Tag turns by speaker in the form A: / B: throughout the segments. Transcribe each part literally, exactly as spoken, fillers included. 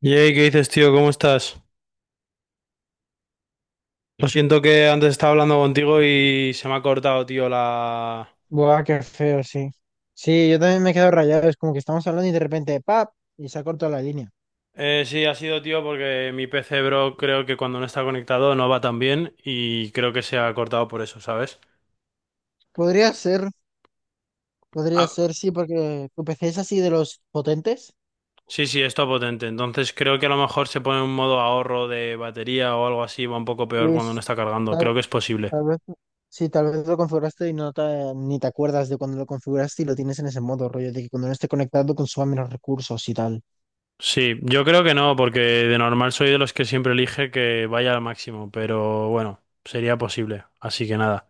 A: Yey, ¿qué dices, tío? ¿Cómo estás? Lo siento que antes estaba hablando contigo y se me ha cortado, tío, la...
B: Buah, qué feo, sí. Sí, yo también me quedo rayado. Es como que estamos hablando y de repente, ¡pap! Y se ha cortado la línea.
A: Eh, sí, ha sido, tío, porque mi P C, bro, creo que cuando no está conectado no va tan bien y creo que se ha cortado por eso, ¿sabes?
B: Podría ser, podría
A: Ah,
B: ser, sí, porque tu P C es así de los potentes.
A: sí, sí, está potente. Entonces creo que a lo mejor se pone un modo ahorro de batería o algo así, va un poco
B: Sí,
A: peor cuando no
B: es-
A: está cargando.
B: tal,
A: Creo que es posible.
B: tal vez, sí, tal vez lo configuraste y no te, ni te acuerdas de cuando lo configuraste y lo tienes en ese modo, rollo, de que cuando no esté conectado consuma menos recursos y tal.
A: Sí, yo creo que no, porque de normal soy de los que siempre elige que vaya al máximo, pero bueno, sería posible. Así que nada.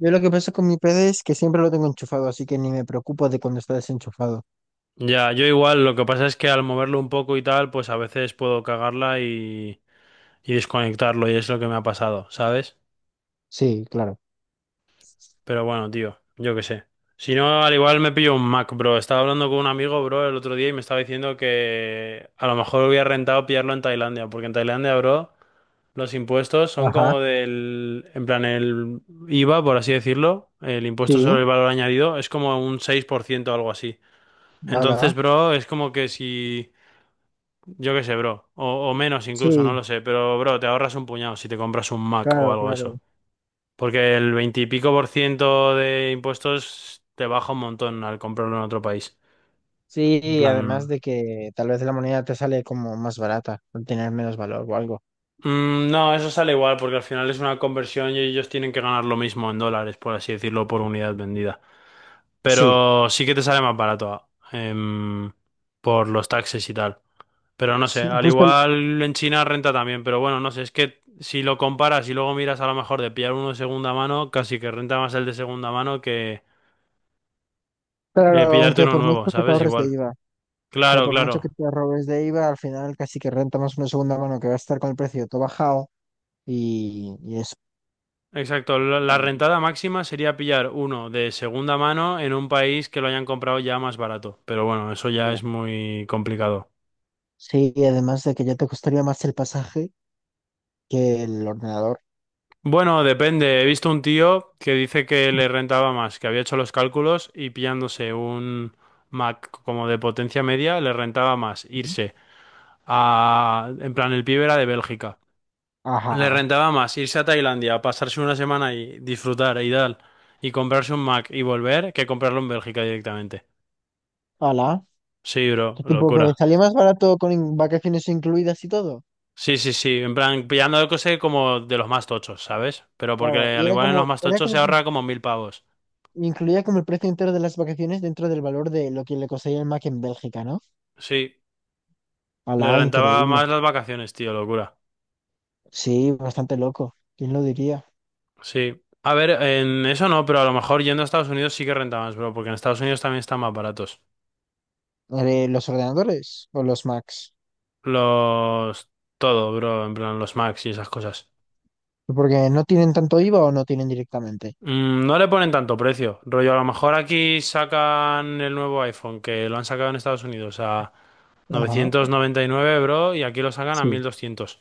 B: Yo lo que pasa con mi P C es que siempre lo tengo enchufado, así que ni me preocupo de cuando está desenchufado.
A: Ya, yo igual, lo que pasa es que al moverlo un poco y tal, pues a veces puedo cagarla y, y desconectarlo y es lo que me ha pasado, ¿sabes?
B: Sí, claro.
A: Pero bueno, tío, yo qué sé. Si no, al igual me pillo un Mac, bro. Estaba hablando con un amigo, bro, el otro día y me estaba diciendo que a lo mejor hubiera rentado pillarlo en Tailandia, porque en Tailandia, bro, los impuestos son
B: Ajá,
A: como del, en plan, el IVA, por así decirlo, el impuesto
B: sí,
A: sobre el valor añadido, es como un seis por ciento o algo así. Entonces,
B: hola.
A: bro, es como que si... Yo qué sé, bro. O, o menos
B: Sí,
A: incluso, no lo sé. Pero, bro, te ahorras un puñado si te compras un Mac o
B: claro,
A: algo de
B: claro.
A: eso. Porque el veintipico por ciento de impuestos te baja un montón al comprarlo en otro país. En
B: Sí, además
A: plan...
B: de que tal vez la moneda te sale como más barata, al tener menos valor o algo.
A: mm, no, eso sale igual porque al final es una conversión y ellos tienen que ganar lo mismo en dólares, por así decirlo, por unidad vendida.
B: Sí,
A: Pero sí que te sale más barato, em, por los taxes y tal. Pero no sé,
B: sí,
A: al
B: pues tal-
A: igual en China renta también, pero bueno, no sé, es que si lo comparas y luego miras a lo mejor de pillar uno de segunda mano, casi que renta más el de segunda mano que
B: claro,
A: de pillarte
B: aunque
A: uno
B: por
A: nuevo,
B: mucho que te
A: ¿sabes?
B: ahorres de
A: Igual.
B: IVA, claro,
A: Claro,
B: por mucho que
A: claro.
B: te ahorres de IVA, al final casi que renta más una segunda mano que va a estar con el precio todo bajado y, y eso
A: Exacto,
B: es
A: la la
B: lo que
A: rentada máxima sería pillar uno de segunda mano en un país que lo hayan comprado ya más barato, pero bueno, eso
B: te
A: ya
B: queda.
A: es muy complicado.
B: Sí, y además de que ya te costaría más el pasaje que el ordenador.
A: Bueno, depende. He visto un tío que dice que le rentaba más, que había hecho los cálculos y pillándose un Mac como de potencia media, le rentaba más
B: Ujú.
A: irse a... En plan, el pibe era de Bélgica. Le
B: Ajá.
A: rentaba más irse a Tailandia, pasarse una semana y disfrutar y tal, y comprarse un Mac y volver, que comprarlo en Bélgica directamente.
B: Hola.
A: Sí, bro,
B: Qué tipo que le
A: locura.
B: salía más barato con in- vacaciones incluidas y todo.
A: Sí, sí, sí, en plan, pillando cosas como de los más tochos, ¿sabes? Pero porque
B: Claro, y
A: al
B: era
A: igual en los
B: como,
A: más
B: era
A: tochos
B: como
A: se ahorra como mil pavos.
B: incluía como el precio entero de las vacaciones dentro del valor de lo que le costaría el Mac en Bélgica, ¿no?
A: Sí, le
B: Alá,
A: rentaba
B: increíble.
A: más las vacaciones, tío, locura.
B: Sí, bastante loco. ¿Quién lo diría?
A: Sí. A ver, en eso no, pero a lo mejor yendo a Estados Unidos sí que renta más, bro, porque en Estados Unidos también están más baratos.
B: Eh, ¿Los ordenadores o los Macs?
A: Los... Todo, bro, en plan los Macs y esas cosas.
B: Porque no tienen tanto IVA o no tienen directamente.
A: Mm, no le ponen tanto precio, rollo, a lo mejor aquí sacan el nuevo iPhone, que lo han sacado en Estados Unidos a novecientos
B: Ajá,
A: noventa y nueve bro, y aquí lo sacan a
B: sí.
A: mil doscientos.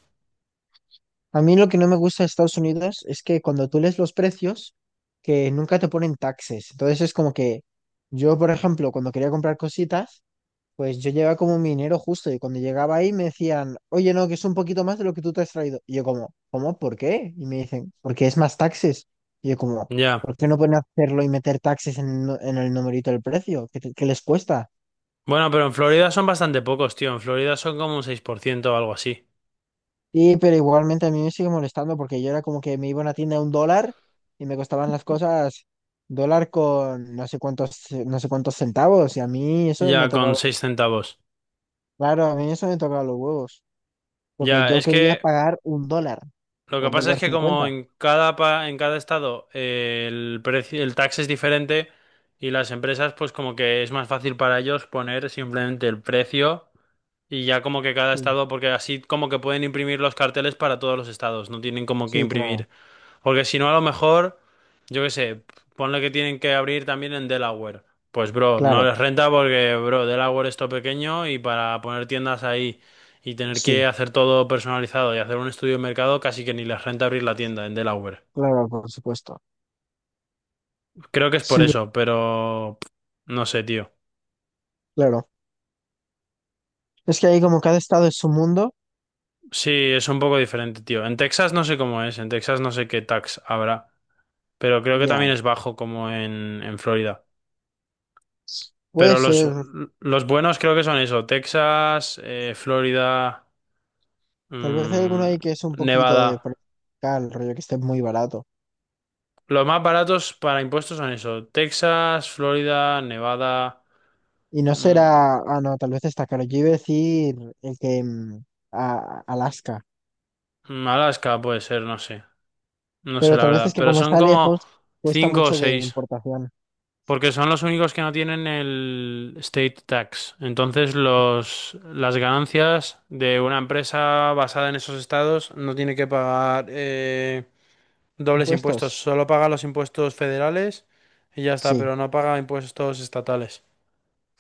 B: A mí lo que no me gusta de Estados Unidos es que cuando tú lees los precios, que nunca te ponen taxes. Entonces es como que yo, por ejemplo, cuando quería comprar cositas, pues yo llegaba como minero justo y cuando llegaba ahí me decían, oye, no, que es un poquito más de lo que tú te has traído. Y yo como, ¿cómo? ¿Por qué? Y me dicen, porque es más taxes. Y yo como,
A: Ya.
B: ¿por qué no pueden hacerlo y meter taxes en, el nu- en el numerito del precio? ¿Qué, te- qué les cuesta?
A: Bueno, pero en Florida son bastante pocos, tío. En Florida son como un seis por ciento o algo así.
B: Y pero igualmente a mí me sigue molestando porque yo era como que me iba a una tienda a un dólar y me costaban las cosas dólar con no sé cuántos, no sé cuántos centavos. Y a mí eso me
A: Ya, con
B: tocaba,
A: seis centavos.
B: claro, a mí eso me tocaba los huevos. Porque
A: Ya,
B: yo
A: es
B: quería
A: que
B: pagar un dólar
A: lo
B: o
A: que pasa es
B: dólar
A: que como
B: cincuenta.
A: en cada, pa- en cada estado eh, el precio, el tax es diferente y las empresas pues como que es más fácil para ellos poner simplemente el precio y ya como que cada
B: Sí,
A: estado, porque así como que pueden imprimir los carteles para todos los estados, no tienen como que
B: sí, claro,
A: imprimir porque si no, a lo mejor, yo qué sé, ponle que tienen que abrir también en Delaware. Pues, bro, no
B: claro,
A: les renta porque, bro, Delaware es todo pequeño y para poner tiendas ahí y tener que
B: sí,
A: hacer todo personalizado y hacer un estudio de mercado, casi que ni les renta abrir la tienda en Delaware.
B: claro, por supuesto.
A: Creo que es por
B: Sí,
A: eso, pero pff, no sé, tío.
B: claro. Es que ahí como cada estado es su mundo,
A: Sí, es un poco diferente, tío. En Texas no sé cómo es, en Texas no sé qué tax habrá, pero creo que
B: ya.
A: también es bajo como en, en Florida.
B: Puede
A: Pero los,
B: ser,
A: los buenos creo que son eso, Texas, eh, Florida,
B: tal vez hay alguno
A: mm,
B: ahí que es un poquito de
A: Nevada.
B: por acá, el rollo que esté muy barato.
A: Los más baratos para impuestos son eso, Texas, Florida, Nevada,
B: Y no
A: mm,
B: será, ah, no, tal vez está caro. Yo iba a decir el que mm, a, a Alaska,
A: Alaska puede ser, no sé, no sé
B: pero
A: la
B: tal vez es
A: verdad,
B: que
A: pero
B: como
A: son
B: está
A: como
B: lejos, cuesta
A: cinco o
B: mucho de
A: seis,
B: importación.
A: porque son los únicos que no tienen el state tax. Entonces los, las ganancias de una empresa basada en esos estados no tiene que pagar... eh, dobles impuestos.
B: ¿Impuestos?
A: Solo paga los impuestos federales y ya está,
B: Sí,
A: pero no paga impuestos estatales.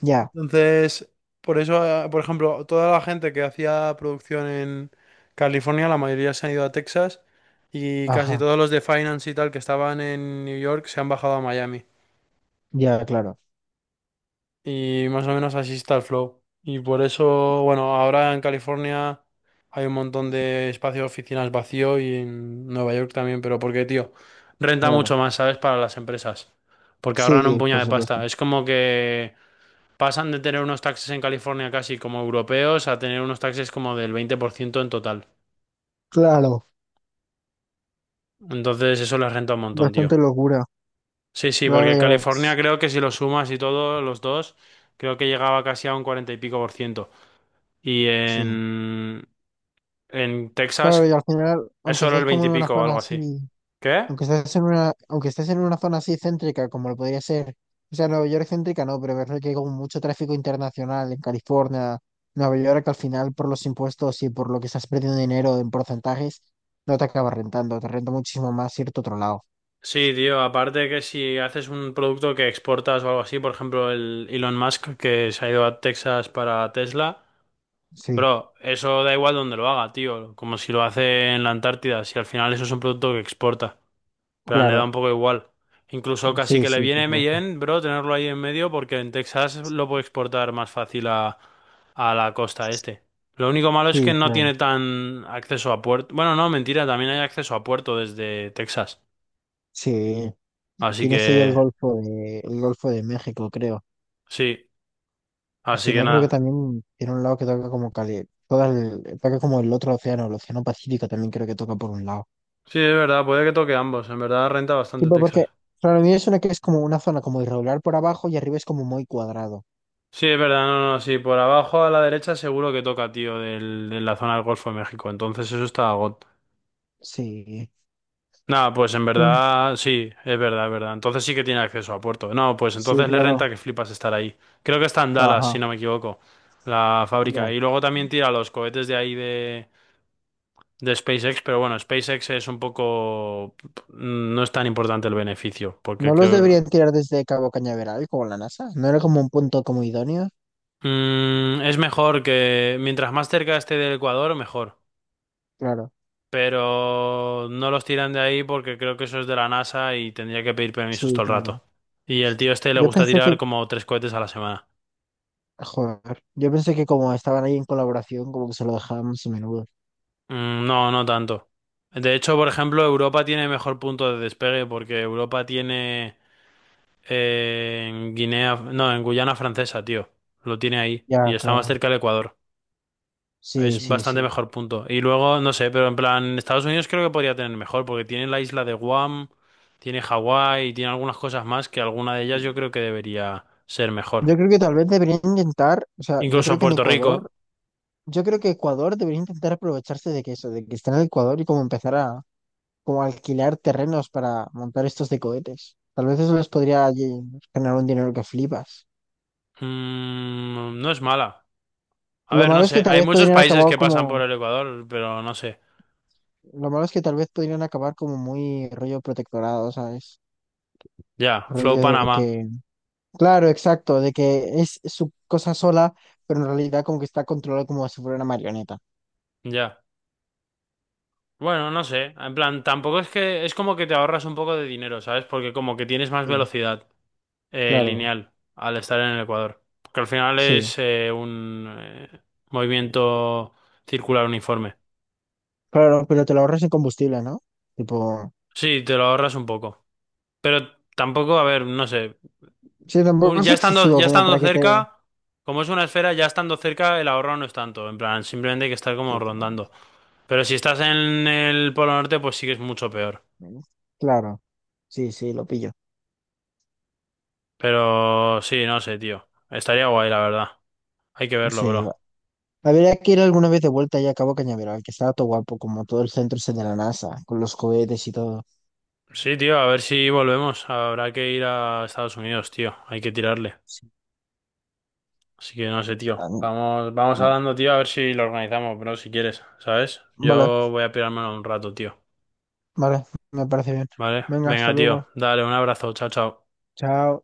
B: ya,
A: Entonces, por eso, eh, por ejemplo, toda la gente que hacía producción en California, la mayoría se han ido a Texas y casi
B: ajá,
A: todos los de finance y tal que estaban en New York se han bajado a Miami.
B: ya, claro,
A: Y más o menos así está el flow. Y por eso, bueno, ahora en California hay un montón de espacios de oficinas vacío y en Nueva York también, pero porque, tío, renta
B: claro.
A: mucho más, ¿sabes? Para las empresas, porque ahorran un
B: Sí,
A: puñado
B: por
A: de
B: supuesto.
A: pasta. Es como que pasan de tener unos taxes en California casi como europeos a tener unos taxes como del veinte por ciento en total.
B: Claro,
A: Entonces eso les renta un montón,
B: bastante
A: tío.
B: locura.
A: Sí, sí,
B: Claro,
A: porque
B: ya
A: California
B: ves.
A: creo que si lo sumas y todo, los dos, creo que llegaba casi a un cuarenta y pico por ciento. Y
B: Sí.
A: en, en
B: Claro, y
A: Texas
B: al final,
A: es
B: aunque
A: solo
B: estés
A: el
B: como
A: veinte y
B: en una
A: pico o
B: zona
A: algo así.
B: así,
A: ¿Qué?
B: aunque estés en una, aunque estés en una zona así céntrica, como lo podría ser, o sea, Nueva York céntrica no, pero ver que hay como mucho tráfico internacional en California, Nueva York, al final por los impuestos y por lo que estás perdiendo dinero en porcentajes, no te acaba rentando, te renta muchísimo más irte a otro lado.
A: Sí, tío, aparte que si haces un producto que exportas o algo así, por ejemplo, el Elon Musk que se ha ido a Texas para Tesla,
B: Sí,
A: bro, eso da igual donde lo haga, tío, como si lo hace en la Antártida, si al final eso es un producto que exporta, pero le da
B: claro.
A: un poco igual. Incluso casi
B: Sí,
A: que le
B: sí, por
A: viene
B: supuesto.
A: bien, bro, tenerlo ahí en medio porque en Texas lo puede exportar más fácil a, a la costa este. Lo único malo es
B: Sí,
A: que no
B: claro.
A: tiene tan acceso a puerto. Bueno, no, mentira, también hay acceso a puerto desde Texas.
B: Sí.
A: Así
B: Tienes ahí el
A: que
B: Golfo de, el Golfo de México, creo.
A: sí,
B: Pues si
A: así que
B: no, creo que
A: nada.
B: también tiene un lado que toca como Cali, todo el, toca como el otro océano, el océano Pacífico también creo que toca por un lado.
A: Sí, es verdad, puede que toque ambos. En verdad renta bastante
B: Tipo, porque
A: Texas.
B: para mí es una que es como una zona como irregular por abajo y arriba es como muy cuadrado.
A: Sí, es verdad, no, no, sí, por abajo a la derecha seguro que toca, tío, del, de la zona del Golfo de México. Entonces eso está, go-
B: Sí.
A: nada, pues en
B: Mm,
A: verdad, sí, es verdad, es verdad. Entonces sí que tiene acceso a puerto. No, pues
B: sí,
A: entonces le
B: claro.
A: renta que flipas estar ahí. Creo que está en Dallas,
B: Ajá.
A: si no me equivoco, la fábrica.
B: Ya.
A: Y luego también tira los cohetes de ahí de, de SpaceX, pero bueno, SpaceX es un poco... No es tan importante el beneficio,
B: ¿No
A: porque
B: los
A: creo...
B: deberían tirar desde Cabo Cañaveral como la NASA? ¿No era como un punto como idóneo?
A: Mm, es mejor que... Mientras más cerca esté del Ecuador, mejor.
B: Claro.
A: Pero no los tiran de ahí porque creo que eso es de la NASA y tendría que pedir permisos
B: Sí,
A: todo el rato.
B: claro.
A: Y el tío este le
B: Yo
A: gusta
B: pensé que,
A: tirar como tres cohetes a la semana.
B: joder, yo pensé que como estaban ahí en colaboración, como que se lo dejábamos a menudo.
A: Mm, no, no tanto. De hecho, por ejemplo, Europa tiene mejor punto de despegue porque Europa tiene eh, en Guinea, no, en Guyana Francesa, tío. Lo tiene ahí y
B: Ya,
A: está más
B: claro.
A: cerca del Ecuador.
B: Sí,
A: Es
B: sí,
A: bastante
B: sí.
A: mejor punto. Y luego, no sé, pero en plan, Estados Unidos creo que podría tener mejor, porque tiene la isla de Guam, tiene Hawái, tiene algunas cosas más que alguna de ellas yo creo que debería ser mejor.
B: Yo creo que tal vez deberían intentar, o sea, yo
A: Incluso a
B: creo que en
A: Puerto
B: Ecuador,
A: Rico,
B: yo creo que Ecuador debería intentar aprovecharse de que eso, de que están en Ecuador y como empezar a como alquilar terrenos para montar estos de cohetes. Tal vez eso les podría allí generar un dinero que flipas.
A: mm, no es mala. A
B: Lo
A: ver,
B: malo
A: no
B: es que
A: sé,
B: tal
A: hay
B: vez
A: muchos
B: podrían
A: países
B: acabar
A: que pasan por
B: como,
A: el Ecuador, pero no sé.
B: lo malo es que tal vez podrían acabar como muy rollo protectorado, ¿sabes?
A: Ya, Flow
B: Rollo de
A: Panamá,
B: que, claro, exacto, de que es su cosa sola, pero en realidad como que está controlado como si fuera una marioneta.
A: ya. Bueno, no sé, en plan, tampoco es que es como que te ahorras un poco de dinero, ¿sabes? Porque como que tienes más
B: Sí,
A: velocidad. Eh,
B: claro,
A: lineal al estar en el ecuador. Porque al final
B: sí.
A: es eh, un eh, movimiento circular uniforme.
B: Claro, no, pero te lo ahorras en combustible, ¿no? Tipo,
A: Sí, te lo ahorras un poco. Pero tampoco, a ver, no sé.
B: sí, tampoco
A: Un-
B: es
A: ya estando,
B: excesivo
A: ya
B: como
A: estando
B: para que te...
A: cerca, como es una esfera, ya estando cerca, el ahorro no es tanto. En plan, simplemente hay que estar como
B: Sí, claro,
A: rondando. Pero si estás en el Polo Norte, pues sí que es mucho peor.
B: claro, sí, sí, lo pillo.
A: Pero sí, no sé, tío. Estaría guay, la verdad. Hay que verlo,
B: Sí,
A: bro.
B: habría que ir alguna vez de vuelta ya a Cabo Cañaveral, que está todo guapo, como todo el centro ese de la NASA, con los cohetes y todo.
A: Sí, tío, a ver si volvemos. Habrá que ir a Estados Unidos, tío. Hay que tirarle.
B: Sí.
A: Así que no sé, tío.
B: Ah,
A: Vamos, vamos hablando, tío, a ver si lo organizamos, bro, si quieres, ¿sabes?
B: vale,
A: Yo voy a pirármelo un rato, tío.
B: vale, me parece bien.
A: ¿Vale?
B: Venga, hasta
A: Venga, tío.
B: luego.
A: Dale, un abrazo. Chao, chao.
B: Chao.